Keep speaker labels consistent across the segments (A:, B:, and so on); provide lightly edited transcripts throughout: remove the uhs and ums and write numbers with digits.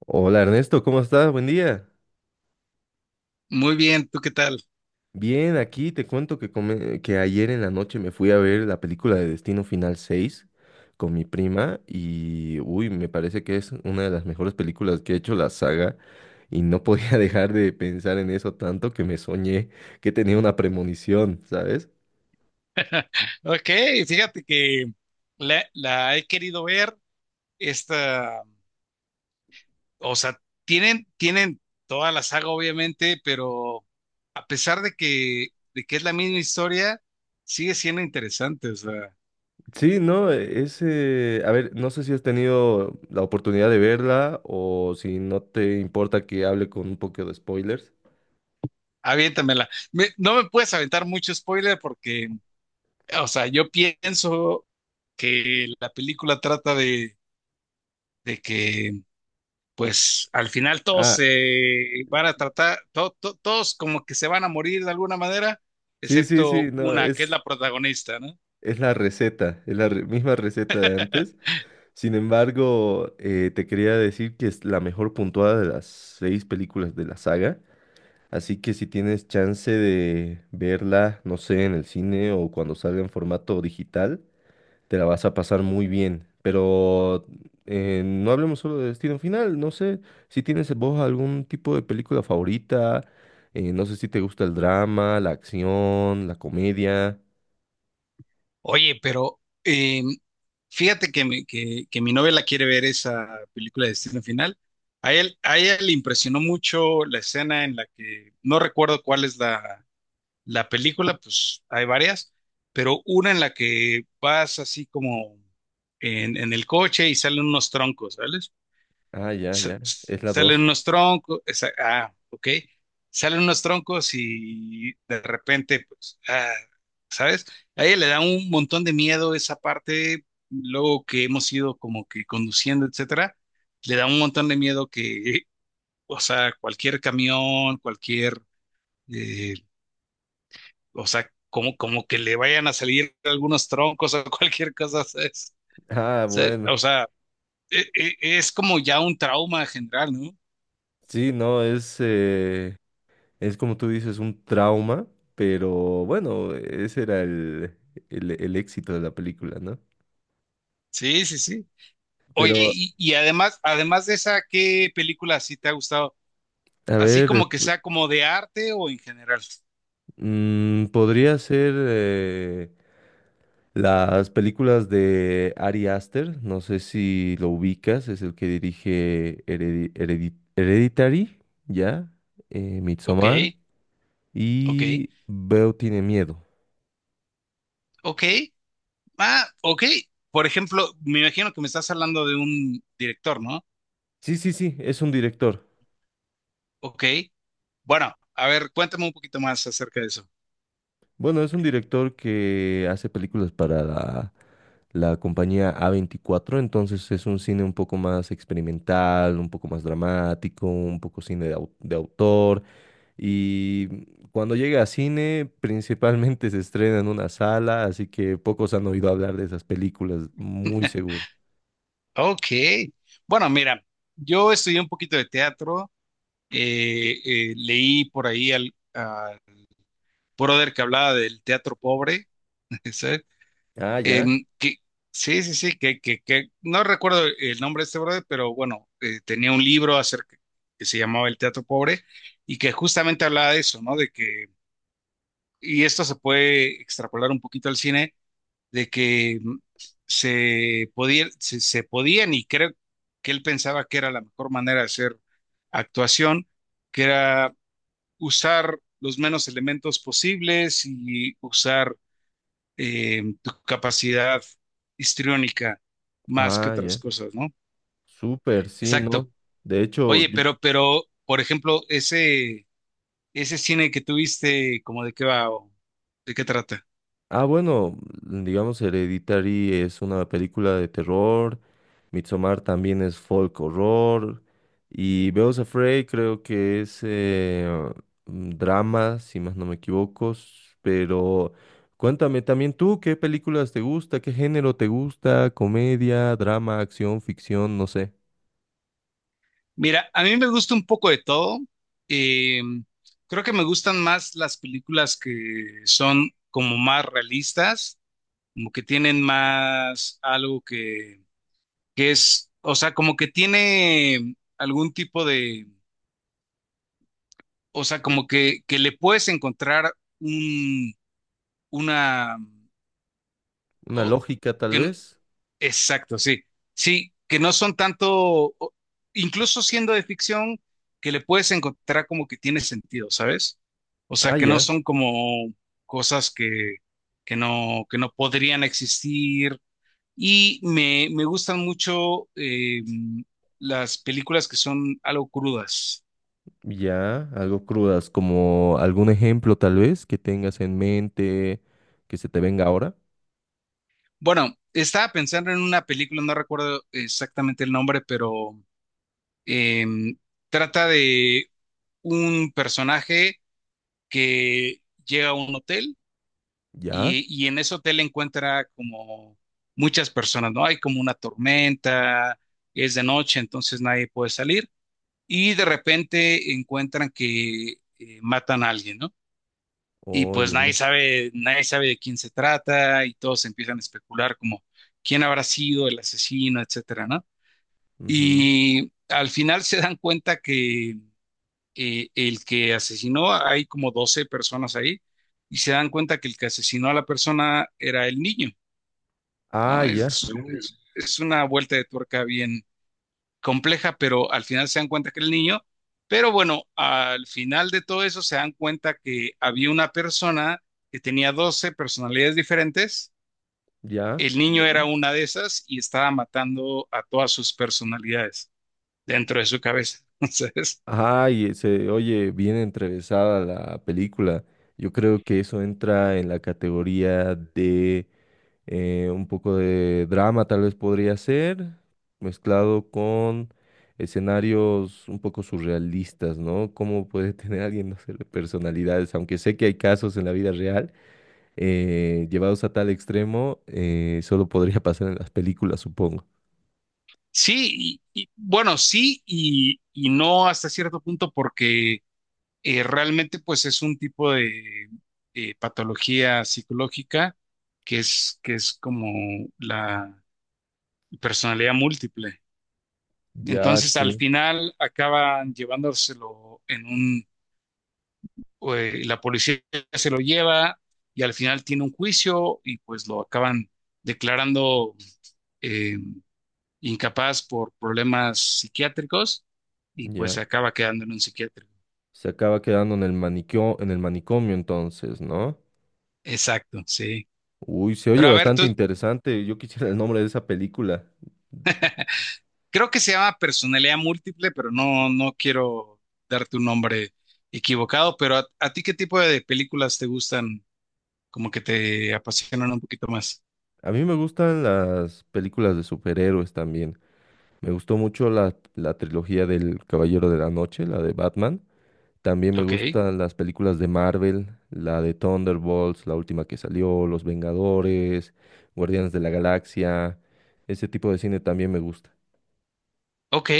A: Hola Ernesto, ¿cómo estás? Buen día.
B: Muy bien, ¿tú qué tal?
A: Bien, aquí te cuento que, que ayer en la noche me fui a ver la película de Destino Final 6 con mi prima y, uy, me parece que es una de las mejores películas que ha hecho la saga y no podía dejar de pensar en eso tanto que me soñé que tenía una premonición, ¿sabes?
B: Ok, fíjate que la he querido ver, esta, o sea, tienen toda la saga obviamente, pero a pesar de que, es la misma historia, sigue siendo interesante, o sea,
A: Sí, no, a ver, no sé si has tenido la oportunidad de verla o si no te importa que hable con un poco de spoilers.
B: aviéntamela. No me puedes aventar mucho spoiler porque, o sea, yo pienso que la película trata de que pues al final todos
A: Ah,
B: se van a tratar, todos como que se van a morir de alguna manera,
A: sí, sí, sí,
B: excepto
A: no,
B: una, que es
A: es...
B: la protagonista, ¿no?
A: Es la receta, misma receta de antes. Sin embargo, te quería decir que es la mejor puntuada de las seis películas de la saga. Así que si tienes chance de verla, no sé, en el cine o cuando salga en formato digital, te la vas a pasar muy bien. Pero no hablemos solo de Destino Final, no sé si tienes vos algún tipo de película favorita, no sé si te gusta el drama, la acción, la comedia.
B: Oye, pero fíjate que mi novia la quiere ver esa película de Destino Final. A ella le impresionó mucho la escena en la que, no recuerdo cuál es la película, pues hay varias, pero una en la que vas así como en el coche y salen unos troncos, ¿sabes?
A: Ah, ya,
B: sa-
A: ya, es la
B: salen
A: dos.
B: unos troncos, ah, ok, salen unos troncos y de repente, pues, ah, ¿sabes? A ella le da un montón de miedo esa parte, luego que hemos ido como que conduciendo, etcétera, le da un montón de miedo que, o sea, cualquier camión, cualquier, eh, o sea, como que le vayan a salir algunos troncos o cualquier cosa, ¿sabes?
A: Ah,
B: ¿Sabes?
A: bueno.
B: O sea, es como ya un trauma general, ¿no?
A: Sí, no, es como tú dices, un trauma, pero bueno, ese era el éxito de la película, ¿no?
B: Sí, sí, sí. Oye,
A: Pero,
B: y además, de esa, ¿qué película sí te ha gustado?
A: a
B: Así
A: ver,
B: como que sea como de arte o en general.
A: podría ser las películas de Ari Aster, no sé si lo ubicas, es el que dirige Hereditary, ¿ya?
B: Ok,
A: Midsommar
B: ok,
A: y Veo tiene miedo.
B: ok. Ah, ok. Por ejemplo, me imagino que me estás hablando de un director, ¿no?
A: Sí, sí, sí, es un director.
B: Ok. Bueno, a ver, cuéntame un poquito más acerca de eso.
A: Bueno, es un director que hace películas para la compañía A24, entonces es un cine un poco más experimental, un poco más dramático, un poco cine de, de autor. Y cuando llega a cine, principalmente se estrena en una sala, así que pocos han oído hablar de esas películas, muy seguro.
B: Ok. Bueno, mira, yo estudié un poquito de teatro. Leí por ahí al a brother que hablaba del teatro pobre, ¿sabes?
A: Ah, ya.
B: Em, que- sí, sí, sí, que no recuerdo el nombre de este brother, pero bueno, tenía un libro acerca que se llamaba El Teatro Pobre y que justamente hablaba de eso, ¿no? De que, y esto se puede extrapolar un poquito al cine, de que se podían, y creo que él pensaba que era la mejor manera de hacer actuación, que era usar los menos elementos posibles y usar tu capacidad histriónica más que
A: Ah,
B: otras
A: ya.
B: cosas, ¿no?
A: Súper, sí, ¿no?
B: Exacto.
A: De hecho,
B: Oye,
A: yo,
B: pero, por ejemplo, ese cine que tuviste, ¿cómo de qué va o de qué trata?
A: Ah, bueno, digamos Hereditary es una película de terror, Midsommar también es folk horror y Beos Afraid creo que es drama, si más no me equivoco, pero cuéntame también tú, ¿qué películas te gusta? ¿Qué género te gusta? ¿Comedia, drama, acción, ficción? No sé.
B: Mira, a mí me gusta un poco de todo. Eh, Creo que me gustan más las películas que son como más realistas, como que tienen más algo que es, o sea, como que tiene algún tipo de o sea, como que le puedes encontrar un, una,
A: ¿Una
B: o-
A: lógica tal
B: que, n-
A: vez?
B: exacto, sí, sí, que no son tanto, incluso siendo de ficción, que le puedes encontrar como que tiene sentido, ¿sabes? O
A: Ah,
B: sea, que no
A: ya,
B: son como cosas que no podrían existir. Y me gustan mucho las películas que son algo crudas.
A: ya, algo crudas, como algún ejemplo tal vez que tengas en mente que se te venga ahora.
B: Bueno, estaba pensando en una película, no recuerdo exactamente el nombre, pero em, trata de un personaje que llega a un hotel
A: Ya.
B: y en ese hotel encuentra como muchas personas, ¿no? Hay como una tormenta, es de noche, entonces nadie puede salir y de repente encuentran que matan a alguien, ¿no? Y pues
A: Oye, ve.
B: nadie sabe, nadie sabe de quién se trata y todos empiezan a especular como quién habrá sido el asesino, etcétera, ¿no?
A: Ujú.
B: Y al final se dan cuenta que el que asesinó, hay como 12 personas ahí, y se dan cuenta que el que asesinó a la persona era el niño,
A: Ah,
B: ¿no?
A: ya,
B: Es, Mm. es, una vuelta de tuerca bien compleja, pero al final se dan cuenta que era el niño. Pero bueno, al final de todo eso se dan cuenta que había una persona que tenía 12 personalidades diferentes.
A: ya.
B: El niño era una de esas y estaba matando a todas sus personalidades dentro de su cabeza. Entonces,
A: Ay, se oye bien entrevesada la película. Yo creo que eso entra en la categoría de un poco de drama, tal vez podría ser, mezclado con escenarios un poco surrealistas, ¿no? ¿Cómo puede tener alguien, no sé, personalidades? Aunque sé que hay casos en la vida real, llevados a tal extremo, solo podría pasar en las películas, supongo.
B: sí, bueno, sí y no hasta cierto punto porque realmente pues es un tipo de patología psicológica que es como la personalidad múltiple.
A: Ya,
B: Entonces, al
A: sí.
B: final acaban llevándoselo en la policía se lo lleva y al final tiene un juicio y pues lo acaban declarando eh, incapaz por problemas psiquiátricos y pues
A: Ya.
B: se acaba quedando en un psiquiátrico.
A: Se acaba quedando en el maniquio, en el manicomio entonces, ¿no?
B: Exacto, sí.
A: Uy, se oye
B: Pero a ver, tú,
A: bastante interesante. Yo quisiera el nombre de esa película.
B: creo que se llama personalidad múltiple, pero no quiero darte un nombre equivocado, pero a ti qué tipo de películas te gustan como que te apasionan un poquito más.
A: A mí me gustan las películas de superhéroes también. Me gustó mucho la trilogía del Caballero de la Noche, la de Batman. También me
B: Ok,
A: gustan las películas de Marvel, la de Thunderbolts, la última que salió, Los Vengadores, Guardianes de la Galaxia. Ese tipo de cine también me gusta.
B: ok.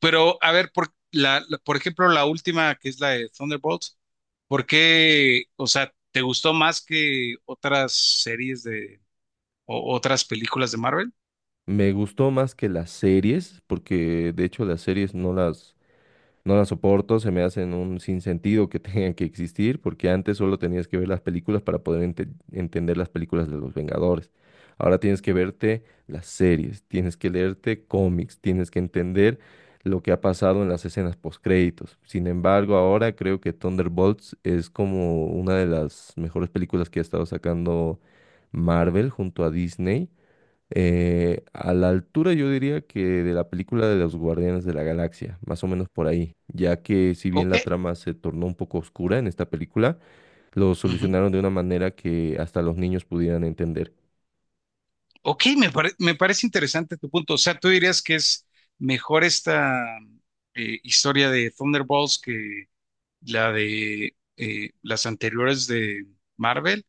B: Pero a ver, por ejemplo, la última que es la de Thunderbolts, ¿por qué, o sea, te gustó más que otras series de o otras películas de Marvel?
A: Me gustó más que las series, porque de hecho las series no las, no las soporto, se me hacen un sinsentido que tengan que existir, porque antes solo tenías que ver las películas para poder entender las películas de los Vengadores. Ahora tienes que verte las series, tienes que leerte cómics, tienes que entender lo que ha pasado en las escenas postcréditos. Sin embargo, ahora creo que Thunderbolts es como una de las mejores películas que ha estado sacando Marvel junto a Disney. A la altura yo diría que de la película de los Guardianes de la Galaxia, más o menos por ahí, ya que si bien
B: Ok,
A: la trama se tornó un poco oscura en esta película, lo
B: ujú.
A: solucionaron de una manera que hasta los niños pudieran entender.
B: Ok, me parece interesante tu punto. O sea, tú dirías que es mejor esta historia de Thunderbolts que la de las anteriores de Marvel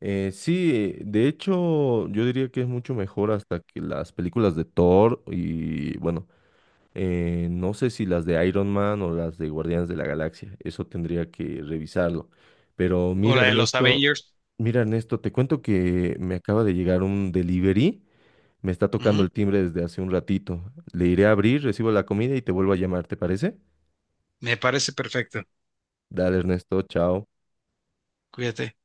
A: Sí, de hecho yo diría que es mucho mejor hasta que las películas de Thor y bueno, no sé si las de Iron Man o las de Guardianes de la Galaxia, eso tendría que revisarlo. Pero
B: o
A: mira,
B: la de los
A: Ernesto.
B: Avengers.
A: Mira, Ernesto, te cuento que me acaba de llegar un delivery. Me está tocando el timbre desde hace un ratito. Le iré a abrir, recibo la comida y te vuelvo a llamar, ¿te parece?
B: Me parece perfecto.
A: Dale, Ernesto, chao.
B: Cuídate.